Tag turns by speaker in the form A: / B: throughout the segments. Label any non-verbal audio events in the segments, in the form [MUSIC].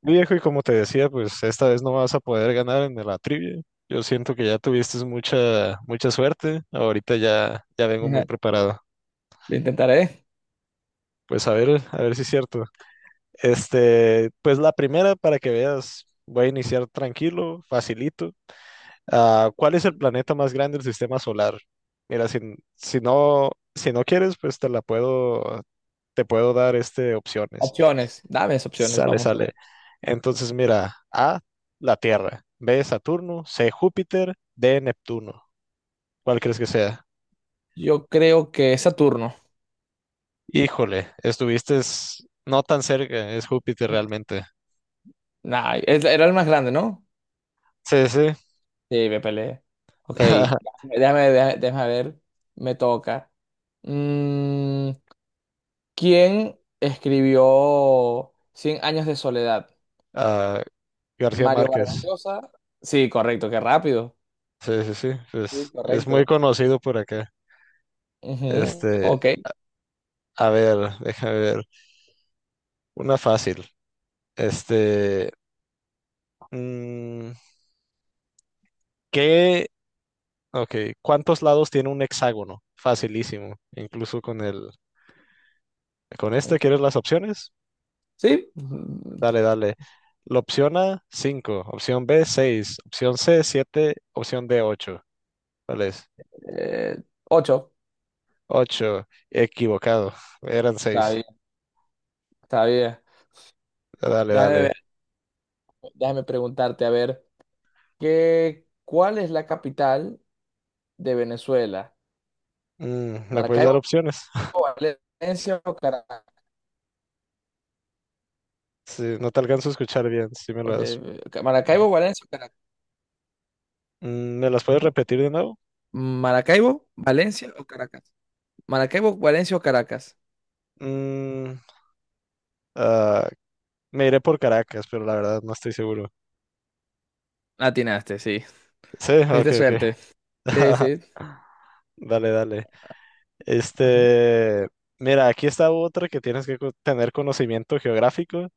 A: Mi Viejo, y como te decía, pues esta vez no vas a poder ganar en la trivia. Yo siento que ya tuviste mucha, mucha suerte. Ahorita ya, ya vengo muy
B: Ajá,
A: preparado.
B: lo intentaré.
A: Pues a ver si es cierto. Este, pues la primera, para que veas, voy a iniciar tranquilo, facilito. Ah, ¿cuál es el planeta más grande del sistema solar? Mira, si no, si no quieres, pues te puedo dar este opciones.
B: Opciones. Dame esas opciones,
A: Sale,
B: vamos a
A: sale.
B: ver.
A: Entonces, mira, A, la Tierra, B, Saturno, C, Júpiter, D, Neptuno. ¿Cuál crees que sea?
B: Yo creo que es Saturno.
A: Híjole, estuviste no tan cerca, es Júpiter realmente.
B: Nah, era el más grande, ¿no?
A: Sí, sí.
B: Sí, me peleé. Ok,
A: [LAUGHS]
B: déjame ver. Me toca. Mm, ¿Quién escribió Cien años de soledad?
A: Ah, García
B: Mario Vargas
A: Márquez.
B: Llosa. Sí, correcto, qué rápido.
A: Sí, sí, sí,
B: Sí,
A: pues es muy
B: correcto.
A: conocido por acá.
B: Ujú.
A: Este,
B: Ok.
A: a ver, déjame ver. Una fácil. Este, mm, ¿qué? Ok, ¿cuántos lados tiene un hexágono? Facilísimo, incluso con este, ¿quieres las opciones?
B: Sí.
A: Dale, dale. La opción A, 5. Opción B, 6. Opción C, 7. Opción D, 8. ¿Cuál es?
B: Eh, Ocho.
A: 8. Equivocado. Eran
B: Está
A: 6.
B: bien, está bien.
A: Dale,
B: Déjame
A: dale.
B: Déjame preguntarte, a ver, cuál es la capital de Venezuela?
A: ¿Me puedes dar
B: ¿Maracaibo,
A: opciones? [LAUGHS]
B: Valencia o Caracas?
A: Sí, no te alcanzo a escuchar bien. Si me
B: Ok,
A: las...
B: Maracaibo, Valencia o Caracas.
A: ¿Me las puedes repetir de nuevo?
B: Maracaibo, Valencia o Caracas. Maracaibo, Valencia o Caracas.
A: Mm, ah, Me iré por Caracas, pero la verdad no estoy seguro.
B: Atinaste, sí.
A: Sí, ok,
B: Tuviste
A: ok.
B: suerte. Sí,
A: [LAUGHS]
B: sí.
A: Dale, dale.
B: Ajá.
A: Este, mira, aquí está otra que tienes que tener conocimiento geográfico,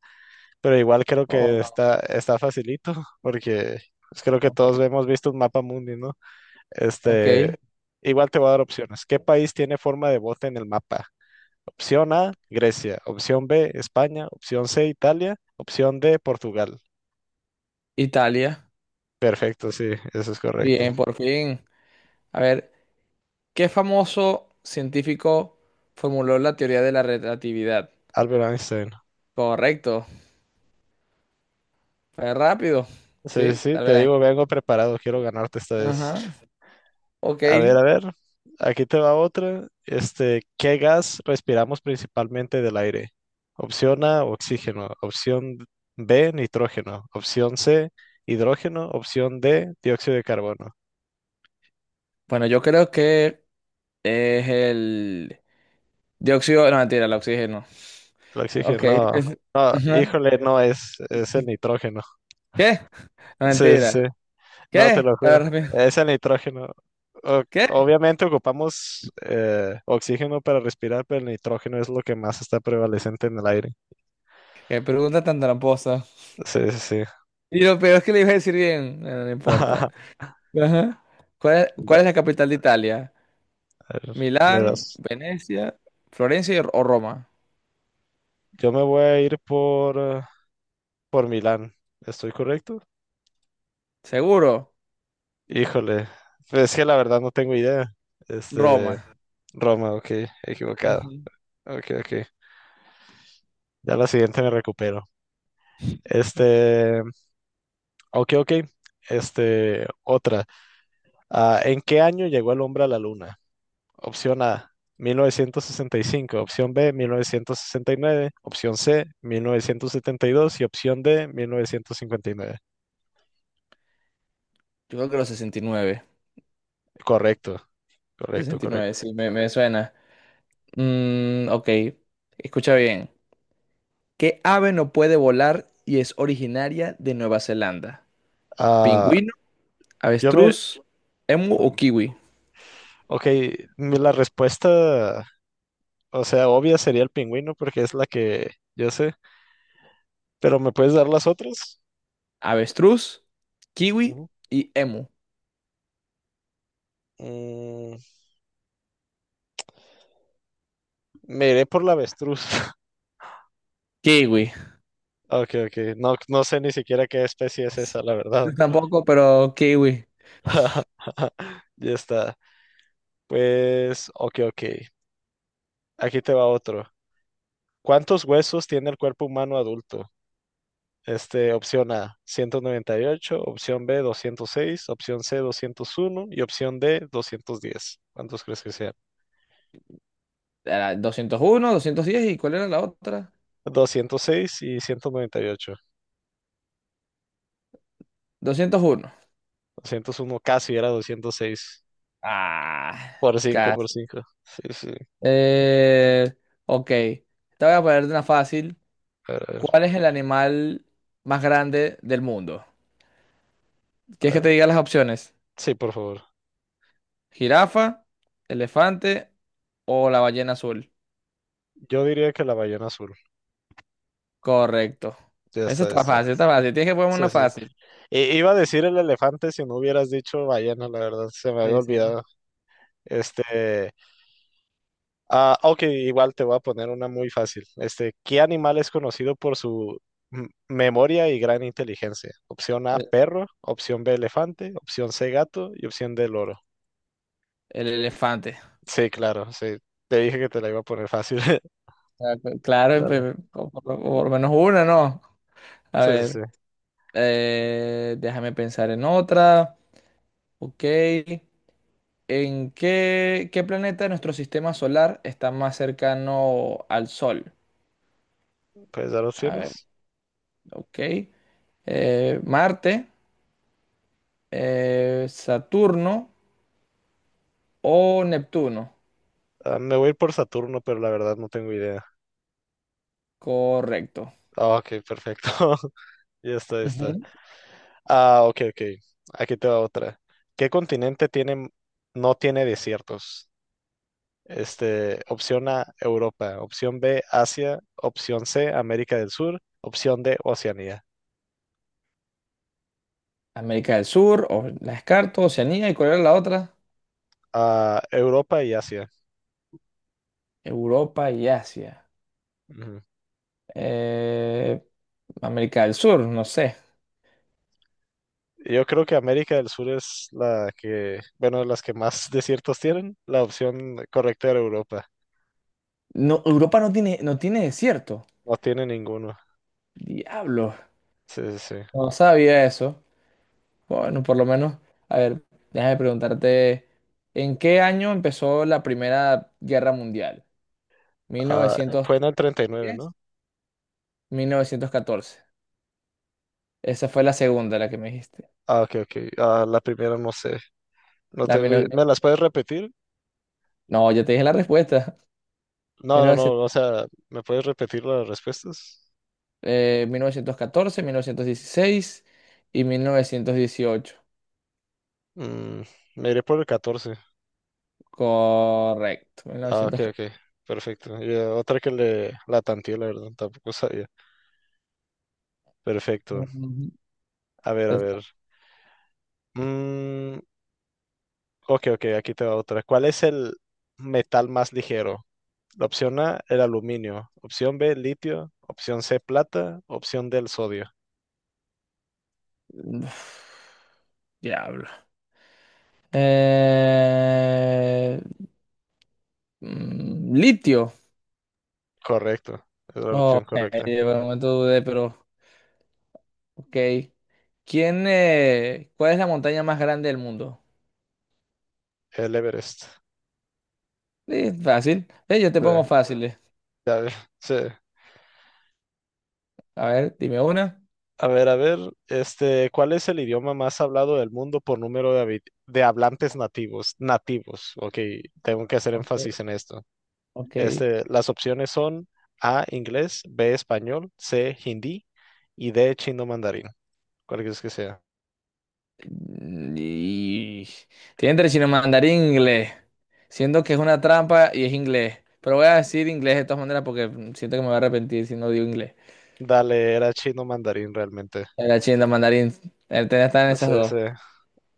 A: pero igual creo que
B: Oh,
A: está facilito, [LAUGHS] porque pues, creo
B: no.
A: que todos
B: Ok.
A: hemos visto un mapa mundi, ¿no?
B: Ok.
A: Este, igual te voy a dar opciones. ¿Qué país tiene forma de bote en el mapa? Opción A, Grecia. Opción B, España. Opción C, Italia. Opción D, Portugal.
B: Italia.
A: Perfecto, sí, eso es correcto.
B: Bien, por fin. A ver, ¿qué famoso científico formuló la teoría de la relatividad?
A: Albert Einstein.
B: Correcto. Fue rápido.
A: Sí, sí,
B: Sí,
A: sí,
B: tal vez.
A: te
B: la-
A: digo, vengo preparado, quiero ganarte esta
B: Ajá.
A: vez.
B: Ok.
A: A ver, aquí te va otra. Este, ¿qué gas respiramos principalmente del aire? Opción A, oxígeno. Opción B, nitrógeno. Opción C, hidrógeno. Opción D, dióxido de carbono.
B: Bueno, yo creo que es el dióxido. No, mentira, el oxígeno.
A: El
B: Ok.
A: oxígeno, no,
B: es-
A: no,
B: Ajá.
A: híjole, no es el nitrógeno. [LAUGHS]
B: ¿Qué? No,
A: Sí, sí, sí,
B: mentira.
A: no, te
B: ¿Qué?
A: lo
B: A
A: juro.
B: ver, rápido.
A: Es el nitrógeno.
B: ¿Qué?
A: Obviamente ocupamos oxígeno para respirar, pero el nitrógeno es lo que más está prevalecente en el aire.
B: Qué pregunta tan tramposa.
A: Sí, sí, sí.
B: Y lo peor es que le iba a decir bien. Bueno, no importa.
A: [LAUGHS]
B: Ajá. ¿Cuál es
A: Dale,
B: la capital de Italia?
A: a ver, me
B: ¿Milán,
A: das.
B: Venecia, Florencia o Roma?
A: Yo me voy a ir por Milán. ¿Estoy correcto?
B: Seguro,
A: Híjole. Pues es que la verdad no tengo idea. Este,
B: Roma.
A: Roma, ok, equivocado.
B: Ujú.
A: Ok, ok. Ya la siguiente me recupero. Este, ok, ok. Este, otra. Ah, ¿en qué año llegó el hombre a la luna? Opción A, 1965. Opción B, 1969. Opción C, 1972. Y dos. Y opción D, 1959.
B: Yo creo que los 69.
A: Correcto, correcto,
B: 69,
A: correcto.
B: sí, me suena. Ok, escucha bien. ¿Qué ave no puede volar y es originaria de Nueva Zelanda?
A: Ah,
B: ¿Pingüino,
A: yo me,
B: avestruz, emu o kiwi?
A: ok, la respuesta, o sea, obvia sería el pingüino porque es la que yo sé, pero ¿me puedes dar las otras?
B: Avestruz, kiwi
A: Ujú.
B: y emu.
A: Mm, Me iré por la avestruz. [LAUGHS]
B: Kiwi.
A: Ok, ok, no, no sé ni siquiera qué especie es esa, la verdad.
B: Yo tampoco, pero kiwi.
A: [LAUGHS] Ya está. Pues, ok, ok, aquí te va otro. ¿Cuántos huesos tiene el cuerpo humano adulto? Este, opción A, 198. Opción B, 206. Opción C, 201. Y opción D, 210. ¿Cuántos crees que sean?
B: Era 201, 210, ¿y cuál era la otra?
A: 206 y 198.
B: 201.
A: 201. Casi era 206.
B: Ah,
A: Por cinco, por
B: casi.
A: cinco. Sí, sí.
B: Eh, ok, te voy a poner una fácil.
A: A ver, a ver,
B: ¿Cuál es el animal más grande del mundo?
A: a
B: ¿Quieres que
A: ver.
B: te diga las opciones?
A: Sí, por favor.
B: ¿Jirafa, elefante o la ballena azul?
A: Yo diría que la ballena azul.
B: Correcto.
A: Ya
B: Eso
A: está,
B: está
A: esta.
B: fácil, está fácil. Tienes que ponerme una
A: Sí, sí.
B: fácil.
A: Iba a decir el elefante si no hubieras dicho ballena, la verdad. Se me había
B: Sí, sí.
A: olvidado. Este, ah, ok, igual te voy a poner una muy fácil. Este, ¿qué animal es conocido por su memoria y gran inteligencia? Opción A,
B: El,
A: perro. Opción B, elefante. Opción C, gato. Y opción D, loro.
B: el elefante.
A: Sí, claro, sí. Te dije que te la iba a poner fácil. [LAUGHS]
B: Ah, claro,
A: Dale.
B: por lo menos una, ¿no? A
A: Sí, sí, sí.
B: ver, déjame pensar en otra. Ok. ¿Qué planeta de nuestro sistema solar está más cercano al Sol?
A: ¿Puedes dar
B: A ver,
A: opciones?
B: ok. Marte, Saturno o Neptuno.
A: Ah, me voy a ir por Saturno, pero la verdad no tengo idea.
B: Correcto.
A: Ah, ok, perfecto. [LAUGHS] Ya está, ya está.
B: Ujú.
A: Ah, ok, ok. Aquí te va otra. ¿Qué continente tiene, no tiene desiertos? Este, opción A, Europa. Opción B, Asia. Opción C, América del Sur. Opción D, Oceanía.
B: América del Sur, o la descarto, Oceanía, ¿y cuál era la otra?
A: Ah, Europa y Asia.
B: Europa y Asia.
A: Ujú.
B: Eh, América del Sur, no sé.
A: Yo creo que América del Sur es la que, bueno, las que más [LAUGHS] desiertos tienen. La opción correcta era Europa.
B: No, Europa no tiene, desierto.
A: No tiene ninguno.
B: Diablo.
A: Sí, sí, sí.
B: No sabía eso. Bueno, por lo menos. A ver, déjame preguntarte, ¿en qué año empezó la Primera Guerra Mundial?
A: Ah,
B: ¿1910?
A: fue en el 39, ¿no?
B: ¿1914? Esa fue la segunda, la que me dijiste.
A: Ah, ok, ok. Ah, la primera no sé. No
B: La
A: tengo idea.
B: mil-
A: ¿Me las puedes repetir?
B: No, ya te dije la respuesta.
A: No, no, no.
B: 1900,
A: O sea, ¿me puedes repetir las respuestas?
B: 1914, 1916 y 1918.
A: Mm, me iré por el 14.
B: Correcto.
A: Ah, ok, ok.
B: 1914.
A: Perfecto. Ya, otra que le la tanteé, la verdad, tampoco sabía. Perfecto.
B: Ujú.
A: A ver, a ver.
B: [SIGHS]
A: Mm, ok, ok, aquí te va otra. ¿Cuál es el metal más ligero? La opción A, el aluminio. Opción B, litio. Opción C, plata. Opción D, el sodio.
B: Uf, diablo. Eh, Litio.
A: Correcto. Es la
B: Oh,
A: opción correcta.
B: por un momento dudé, pero ok. Cuál es la montaña más grande del mundo?
A: El Everest.
B: Sí, fácil. Yo te
A: Sí,
B: pongo fácil.
A: ya ves, sí.
B: A ver, dime una.
A: A ver, este, ¿cuál es el idioma más hablado del mundo por número de hablantes nativos? Nativos, ok, tengo que hacer
B: Ok.
A: énfasis en esto.
B: Ok.
A: Este, las opciones son A, inglés, B, español, C, hindi y D, chino mandarín. ¿Cuál es que sea?
B: Y... Tiene entre chino mandarín e inglés. Siento que es una trampa y es inglés. Pero voy a decir inglés de todas maneras porque siento que me voy a arrepentir si no digo inglés.
A: Dale, era chino mandarín realmente.
B: Era chino mandarín. El tema está en esas
A: Sí, sí,
B: dos.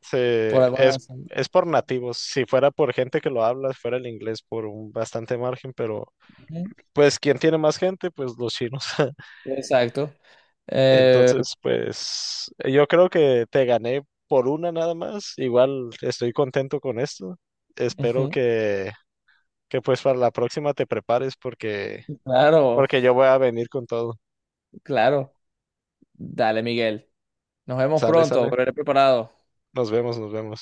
A: sí,
B: Por alguna
A: es,
B: razón.
A: es por nativos. Si fuera por gente que lo habla, fuera el inglés por un bastante margen, pero
B: Ujú.
A: pues quien tiene más gente, pues los chinos. [LAUGHS]
B: Exacto. Eh,
A: Entonces, pues yo creo que te gané por una nada más. Igual estoy contento con esto. Espero
B: Ujú.
A: que pues para la próxima te prepares, porque,
B: Claro,
A: porque yo voy a venir con todo.
B: claro. Dale, Miguel. Nos vemos
A: Sale,
B: pronto.
A: sale.
B: Volveré preparado.
A: Nos vemos, nos vemos.